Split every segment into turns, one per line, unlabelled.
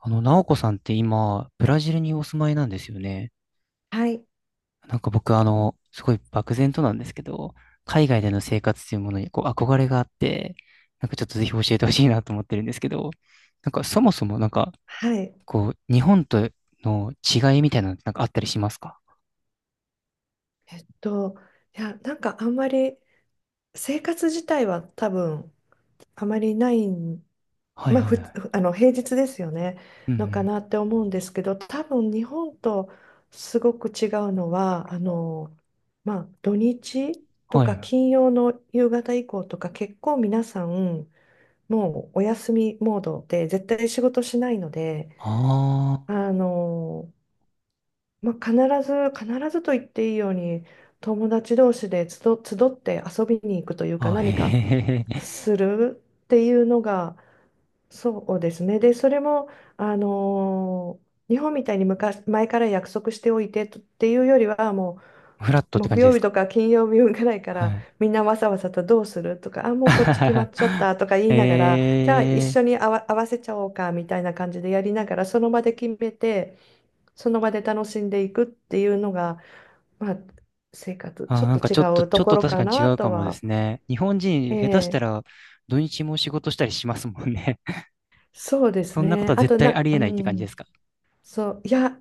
あの、ナオコさんって今、ブラジルにお住まいなんですよね。
はい、
なんか僕、あの、すごい漠然となんですけど、海外での生活というものにこう憧れがあって、なんかちょっとぜひ教えてほしいなと思ってるんですけど、なんかそもそもなんか、
はい。
こう、日本との違いみたいなのってなんかあったりしますか？
えっと、あんまり生活自体は多分あまりないん、
はい
まあ、
はいは
ふ、
い。
あの平日ですよね、
うんう
のか
ん。
なって思うんですけど、多分日本とすごく違うのは、まあ、土日と
はい
か
はい。
金曜の夕方以降とか結構皆さんもうお休みモードで絶対仕事しないので、
あ
あのまあ、必必ずと言っていいように、友達同士で集って遊びに行くというか、
ああ、へ
何か
へへへ。
するっていうのが、そうですね。で、それも、日本みたいに前から約束しておいてとっていうよりは、も
フラット
う、
って感
木
じで
曜
す
日
か？
とか金曜日ぐらいか
は
ら、
い。
みんなわさわさとどうするとか、あ、もうこっち決まっちゃったとか言 いながら、じゃあ一
え
緒に合わせちゃおうかみたいな感じでやりながら、その場で決めて、その場で楽しんでいくっていうのが、まあ、生活、
あ
ち
ー、
ょっ
なん
と
か
違
ちょっと、
う
ち
と
ょっ
こ
と
ろ
確
か
かに違
な
うか
と
もで
は。
すね。日本人、下手した
ええ、
ら土日も仕事したりしますもんね。
そうで
そ
す
んなこと
ね。
は
あ
絶
と
対あ
な、
り
う
えないって感じで
ん、
すか？
そう、いや、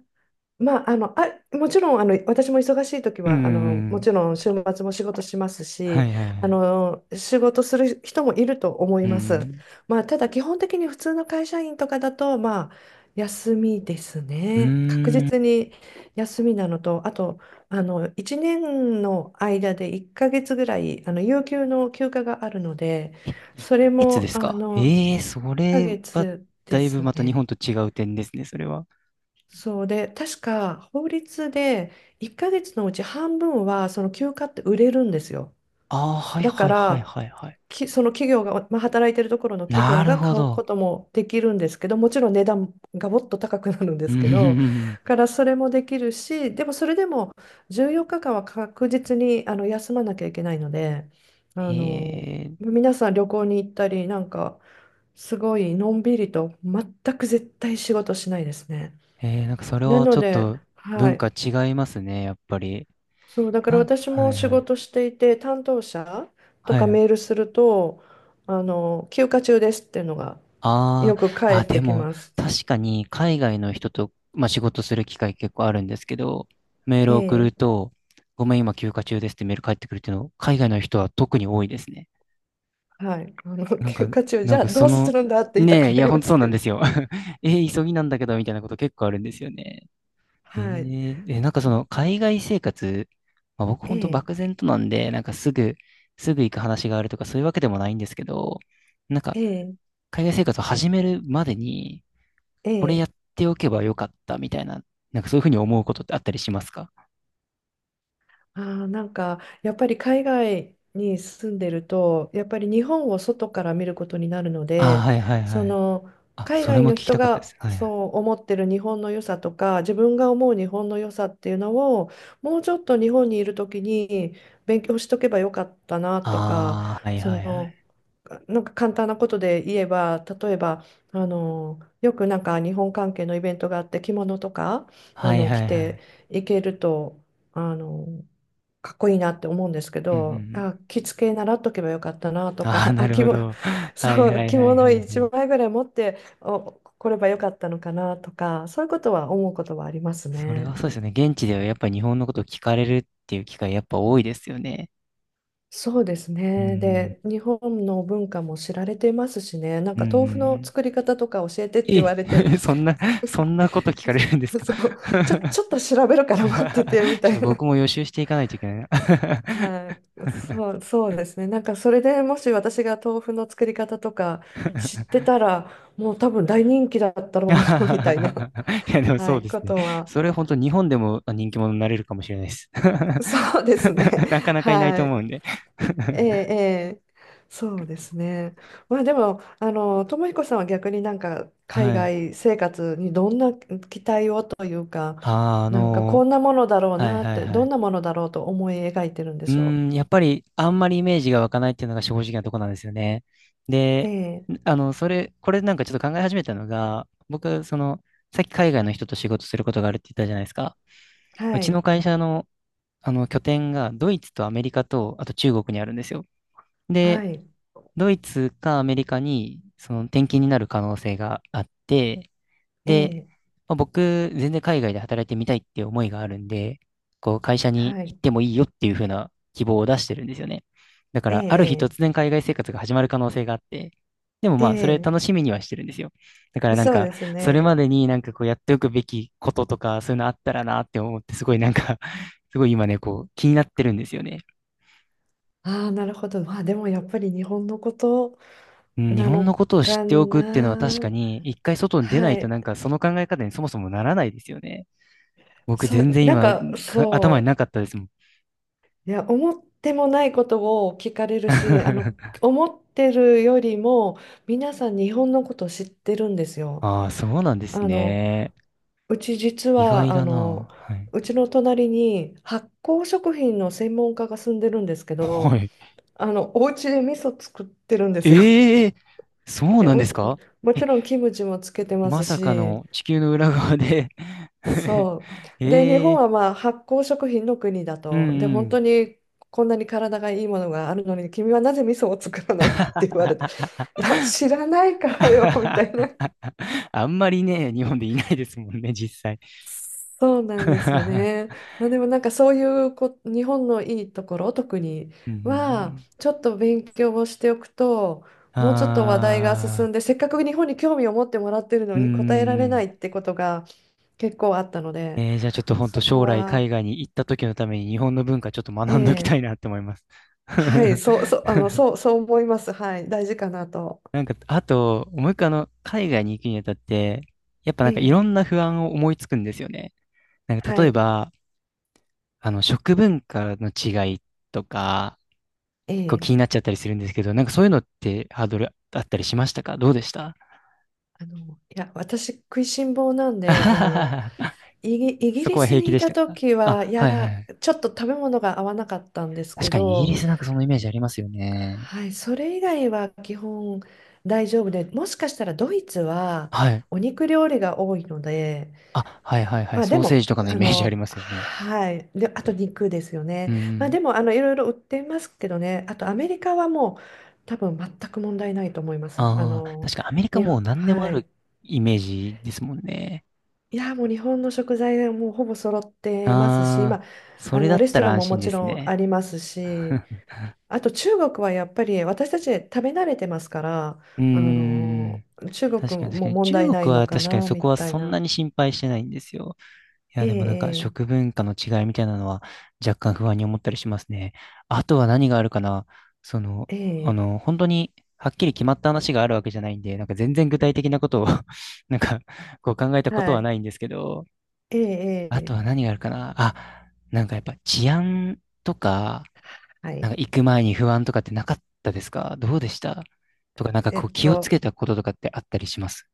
まあ、あの、あ、もちろん、私も忙しい時
うんう
は、
んう
も
ん。
ちろん週末も仕事します
は
し、
いはいはい。
仕事する人もいると思
う
います。
ん。
まあ、ただ基本的に普通の会社員とかだと、まあ、休みです
う
ね。確
ーん。
実に休みなのと、あと、あの、1年の間で1ヶ月ぐらい、あの、有給の休暇があるので、
え、1
それ
ヶ月で
も、
す
あ
か？
の、
ええー、そ
1
れ
ヶ
は、
月で
だいぶ
す
また日本
ね。
と違う点ですね、それは。
そうで、確か法律で1ヶ月のうち半分はその休暇って売れるんですよ。
ああ、はい
だか
はいはい
ら、
はいはい。
その企業が、まあ、働いてるところの企業
なる
が
ほ
買う
ど。
こともできるんですけど、もちろん値段がもっと高くなるんで
うん
す
うん
けど、
うんうん。
からそれもできるし、でもそれでも14日間は確実にあの休まなきゃいけないので、あ
へ
の、
え、
皆さん旅行に行ったり、なんかすごいのんびりと全く絶対仕事しないですね。
なんかそれ
な
はち
の
ょっ
で、
と
は
文
い、
化違いますね、やっぱり。
そう、だから私
は
も
い
仕
はい。
事していて、担当者と
は
か
い。
メールすると、あの、休暇中ですっていうのが
あ
よく
あ、
返
あ、
っ
で
てき
も、
ます。
確かに海外の人と、まあ、仕事する機会結構あるんですけど、メールを送
え
る
え、
と、ごめん、今休暇中ですってメール返ってくるっていうの、海外の人は特に多いですね。
はい、あの、
なん
休
か、
暇中、
な
じ
ん
ゃあ
か
ど
そ
うす
の、
るんだって言いた
ね
く
え、
な
いや、
り
ほん
ま
とそう
す
な
け
ん
ど。
ですよ。急ぎなんだけど、みたいなこと結構あるんですよね。
はい、
なんかその、海外生活、まあ、僕
え
ほんと
え、
漠然となんで、なんかすぐ行く話があるとか、そういうわけでもないんですけど、なんか、
ええ、
海外生活を始めるまでに、
え
これや
え。
っておけばよかったみたいな、なんかそういうふうに思うことってあったりしますか？
あー、なんかやっぱり海外に住んでるとやっぱり日本を外から見ることになるの
ああ
で、
ー、はいはい
そ
はい。
の
あ、
海
それ
外
も聞
の
き
人
たかったで
が
す。はいはい。
そう思ってる日本の良さとか自分が思う日本の良さっていうのを、もうちょっと日本にいる時に勉強しとけばよかったなとか、
ああ、はい
そ
はいは
の
い。
なんか簡単なことで言えば、例えば、よくなんか日本関係のイベントがあって、着物とか
はい
着
はいは
て
い。
いけると。あのかっこいいなって思うんですけ
うんうんう
ど、
ん。
あ、着付け習っとけばよかったなと
ああ、
か、
な
あ、
る
着
ほ
物、
ど。はい
そ
は
う、
い
着
はい
物
はい
一
はい。
枚ぐらい持ってお来ればよかったのかなとか、そういうことは思うことはあります
それ
ね。
はそうですよね。現地ではやっぱり日本のことを聞かれるっていう機会やっぱ多いですよね。
そうです
う
ね。
ん
で、日本の文化も知られていますしね、なん
うん。う
か
ん
豆腐
うんう
の
ん。
作り方とか教えてって言
え、
われて、
そんな、そんなこと聞かれるんですか？
そ う、ちょっと調べるから待っててみた
ちょっと
いな。
僕も予習していかないといけないな。
はい、そう、そうですね。なんかそれでもし私が豆腐の作り方とか知ってたら、もう多分大人気だった ろうな みたい
い
な、
や、でも
は
そう
い、
です
こ
ね。
とは、
それ本当日本でも人気者になれるかもしれないです。
そうですね。
なか なかいない
は
と
い。
思うんで。
ええ、ええ、そうですね。まあでも、あの、智彦さんは逆になんか海
はい。
外生活にどんな期待をというか、
あーあ
なんかこ
の
んなものだろう
ーはい
なっ
はい
て、
は
どん
い。
なものだろうと思い描いてるんで
う
しょ
ーん、やっぱりあんまりイメージが湧かないっていうのが正直なとこなんですよね。
う。え
で、
え、
あの、これなんかちょっと考え始めたのが、僕、その、さっき海外の人と仕事することがあるって言ったじゃないですか。う
は
ちの
い、
会社の、あの拠点がドイツとアメリカと、あと中国にあるんですよ。
は
で、
い、
ドイツかアメリカにその転勤になる可能性があって、
え
で、
え。
まあ僕、全然海外で働いてみたいっていう思いがあるんで、こう、会社に
は
行
い。
ってもいいよっていう風な希望を出してるんですよね。だか
え
ら、ある日
え、
突然海外生活が始まる可能性があって、でも
え
まあ、
え、
それ
え
楽しみにはしてるんですよ。だか
え、
らなん
そう
か、
です
それま
ね。
でになんかこうやっておくべきこととか、そういうのあったらなって思って、すごいなんか すごい今ね、こう、気になってるんですよね。
ああ、なるほど。まあでもやっぱり日本のこと
うん、日
な
本の
の
ことを知っ
か
ておくっていうのは確か
な。
に、一回外に出な
は
いとな
い。
んかその考え方にそもそもならないですよね。僕
そ
全
う、
然
なん
今、
か
頭に
そ
なかったですもん。
思ってもないことを聞かれるし、あの、思ってるよりも皆さん日本のこと知ってるんですよ。
ああ、そうなんです
あの、
ね。
うち実
意外
は、あ
だ
の、
な。はい。
うちの隣に発酵食品の専門家が住んでるんですけ
は
ど、
い。
あの、お家で味噌作ってるんですよ。
ええ、そ う
え、
なん
も
です
ち、
か？
も
え、
ちろんキムチもつけてま
ま
す
さか
し、
の地球の裏側で。
そ
え
う。で、日本
え、
はまあ発酵食品の国だ
う
と。で、
んう
本
ん。
当にこんなに体がいいものがあるのに、君はなぜ味噌を作らないって言われた。いや、知らないからよ、みた いな。
あんまりね、日本でいないですもんね、実際。
そうなんですよ ね。まあ、でもなんかそういうこ日本のいいところ特に
うんうんう
は
ん、
ちょっと勉強をしておくと、もうちょっと話題が進
あ
んで、せっかく日本に興味を持ってもらってる
ー、
の
うー
に答えられな
ん。
いってことが結構あったので、
じゃあちょっと本当
そこ
将来
は、
海外に行った時のために日本の文化ちょっと学んどきた
ええ
いなって思います。
そう思います。はい、大事かなと。
なんか、あと、もう一個あの、海外に行くにあたって、やっぱなんかいろ
ええ、
んな不安を思いつくんですよね。なんか
は
例え
い、
ば、あの、食文化の違いとか、こう
え
気
え、
になっちゃったりするんですけど、なんかそういうのってハードルあったりしましたか？どうでした？
いや私食いしん坊なん
あ
で、
はははは。
イギ
そ
リ
こは
ス
平気
にい
でし
た
たか？
時は、
あ、
い
はいはい
や、
はい。
ちょっと食べ物が合わなかったんです
確
け
かにイギ
ど、
リスなんかそのイメージありますよね。
はい、それ以外は基本大丈夫で、もしかしたらドイツは
はい。
お肉料理が多いので、
あ、はいはいは
ま
い。
あ
ソ
で
ーセージ
も、
とかのイ
あ
メージあり
の、
ますよね。
はい、で、あと肉ですよ
う
ね。まあ
ん。
でも、あの、いろいろ売っていますけどね、あとアメリカはもう多分全く問題ないと思います。あ
ああ、
の、
確かアメリカ
ね、
もう何でも
は
ある
い。
イメージですもんね。
いやー、もう日本の食材がもうほぼ揃ってますし、
ああ、
まあ、
そ
あ
れだ
の
っ
レス
た
ト
ら
ラン
安
もも
心で
ち
す
ろん
ね。
ありますし、 あと中国はやっぱり私たち食べ慣れてますから、
うー
あの
ん。
ー中
確
国
かに確か
も
に。
問題
中
ない
国
の
は
か
確かに
な
そこ
み
は
たい
そんな
な。
に心配してないんですよ。いや、でもなんか
え
食
え、
文化の違いみたいなのは若干不安に思ったりしますね。あとは何があるかな。その、
え
あ
え、え
の、本当にはっきり決まった話があるわけじゃないんで、なんか全然具体的なことを なんかこう考えた
え、
こと
は
は
い。
ないんですけど、
え
あと
え、え
は
え、
何があるかなあ、なんかやっぱ治安とか、
は
なん
い。
か行く前に不安とかってなかったですか？どうでした？とか、なんか
え
こう
っ
気をつ
と
けたこととかってあったりします？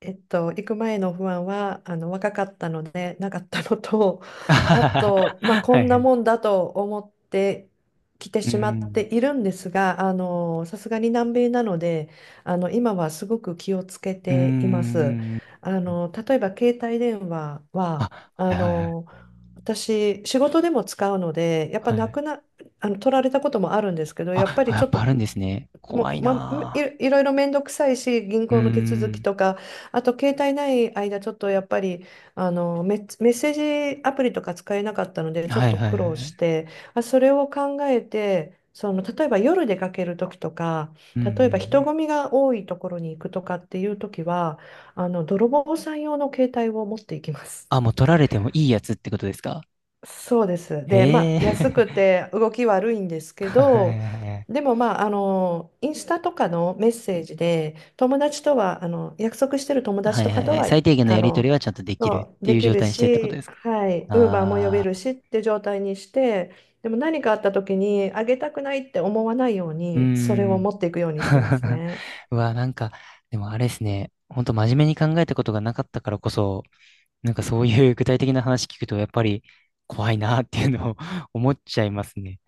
えっと、行く前の不安はあの若かったのでなかったのと、あと、まあ、
はい
こ
は
んな
い。
もんだと思ってきて
うー
しまって
ん。
いるんですが、あのさすがに南米なので、あの今はすごく気をつけ
うー
ています。
ん。
あの例えば携帯電話は、
あ、は
あ
いはいはい。
の私仕事でも使うのでやっぱ
は
な
い。
くなあの取られたこともあるんですけど、やっ
あ、
ぱ
あ
り
や
ちょ
っ
っ
ぱあ
と
るんですね。
も
怖
う、
い
まあ、
な
いろいろ面倒くさいし、銀
ぁ。うー
行の手続き
ん。
とか、あと携帯ない間、ちょっとやっぱりあのメッセージアプリとか使えなかったので、ちょ
は
っ
い
と
はい
苦
は
労し
い。
て、あ、それを考えて、その例えば夜出かける時とか、
うんう
例えば人
ん。
混みが多いところに行くとかっていう時は、あの泥棒さん用の携帯を持っていきます。
あ、もう取られてもいいやつってことですか？
そうです。で、ま
へ
あ、安く
え。
て動き悪いんです け
はい
ど、
はいは
で
い。
も、まあ、あの、インスタとかのメッセージで、友達とは、あの、約束してる友
は
達
い
と
は
か
い
と
はい。
は、
最低限の
あ
やり取り
の、
はちゃんとできる
の
って
で
いう
き
状
る
態にしてってことで
し、
すか？
はい、ウーバーも呼べ
あ
る
あ
しって状態にして、でも何かあった時に、あげたくないって思わないよう
ー、うー
に、それを
ん。
持っていくようにしてます ね。
うわ、なんか、でもあれですね。ほんと真面目に考えたことがなかったからこそ、なんかそういう具体的な話聞くと、やっぱり怖いなっていうのを 思っちゃいますね。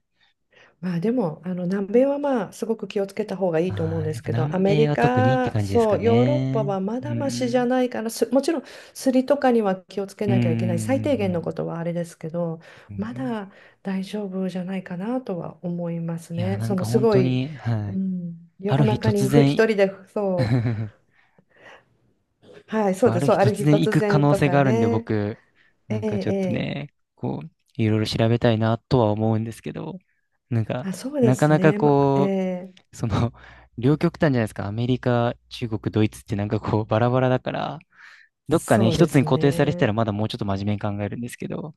まあでも、あの南米はまあすごく気をつけた方がいいと思う
あ
ん
あ、
で
やっ
す
ぱ
けど、ア
南
メ
米
リ
は特にって
カ、
感じです
そ
か
う、ヨーロッパ
ね。
はま
う
だましじゃ
ん。
ないかな、す、もちろんすりとかには気をつけ
うん。う
なきゃいけない、最低限のこ
ん。
とはあれですけど、
うんう
ま
ん、
だ大丈夫じゃないかなとは思います
いや、
ね。
な
そ
ん
の
か
す
本
ご
当
い、
に、
う
はい。
ん、
あ
夜
る日
中に
突
一
然、
人で、そう、はい、そう
あ
です、
る
そう、
日
ある
突
日
然行
突
く可
然
能
と
性が
か
あるんで、
ね、
僕、
え
な
え、
んかちょっと
ええ、
ね、こう、いろいろ調べたいなとは思うんですけど、なんか、
あ、そうで
なか
す
なか
ね、ま、え
こ
え、
う、その、両極端じゃないですか。アメリカ、中国、ドイツってなんかこう、バラバラだから、どっかね、
そう
一
で
つ
す
に固定されてた
ね。
らまだもうちょっと真面目に考えるんですけど。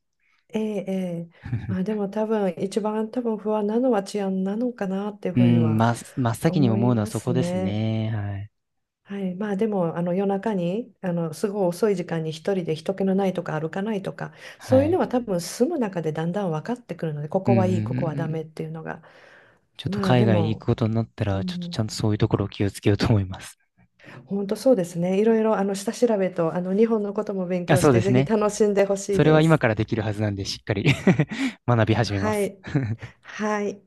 ええ、ええ。まあ、でも多分一番多分不安なのは治安なのかなっていう
う
ふうに
ん、
は
ま、真っ先に
思
思
い
うのは
ま
そ
す
こです
ね。
ね。はい。
はい、まあでもあの夜中にあのすごい遅い時間に一人で人気のないとか歩かないとか、
は
そういうの
い。
は多分住む中でだんだん分かってくるのでこ
うん、
こ
うん、う
はいいここは
ん
ダ
うん。
メっていうのが、
ちょっと
まあ
海
で
外行く
も、
ことになった
う
ら、ちょっと
ん、
ちゃんとそういうところを気をつけようと思います。
本当そうですね、いろいろあの下調べとあの日本のことも勉
あ、
強
そ
し
う
て
です
ぜひ
ね。
楽しんでほしい
それは
で
今
す。
からできるはずなんで、しっかり 学び始めま
は
す。
い、はい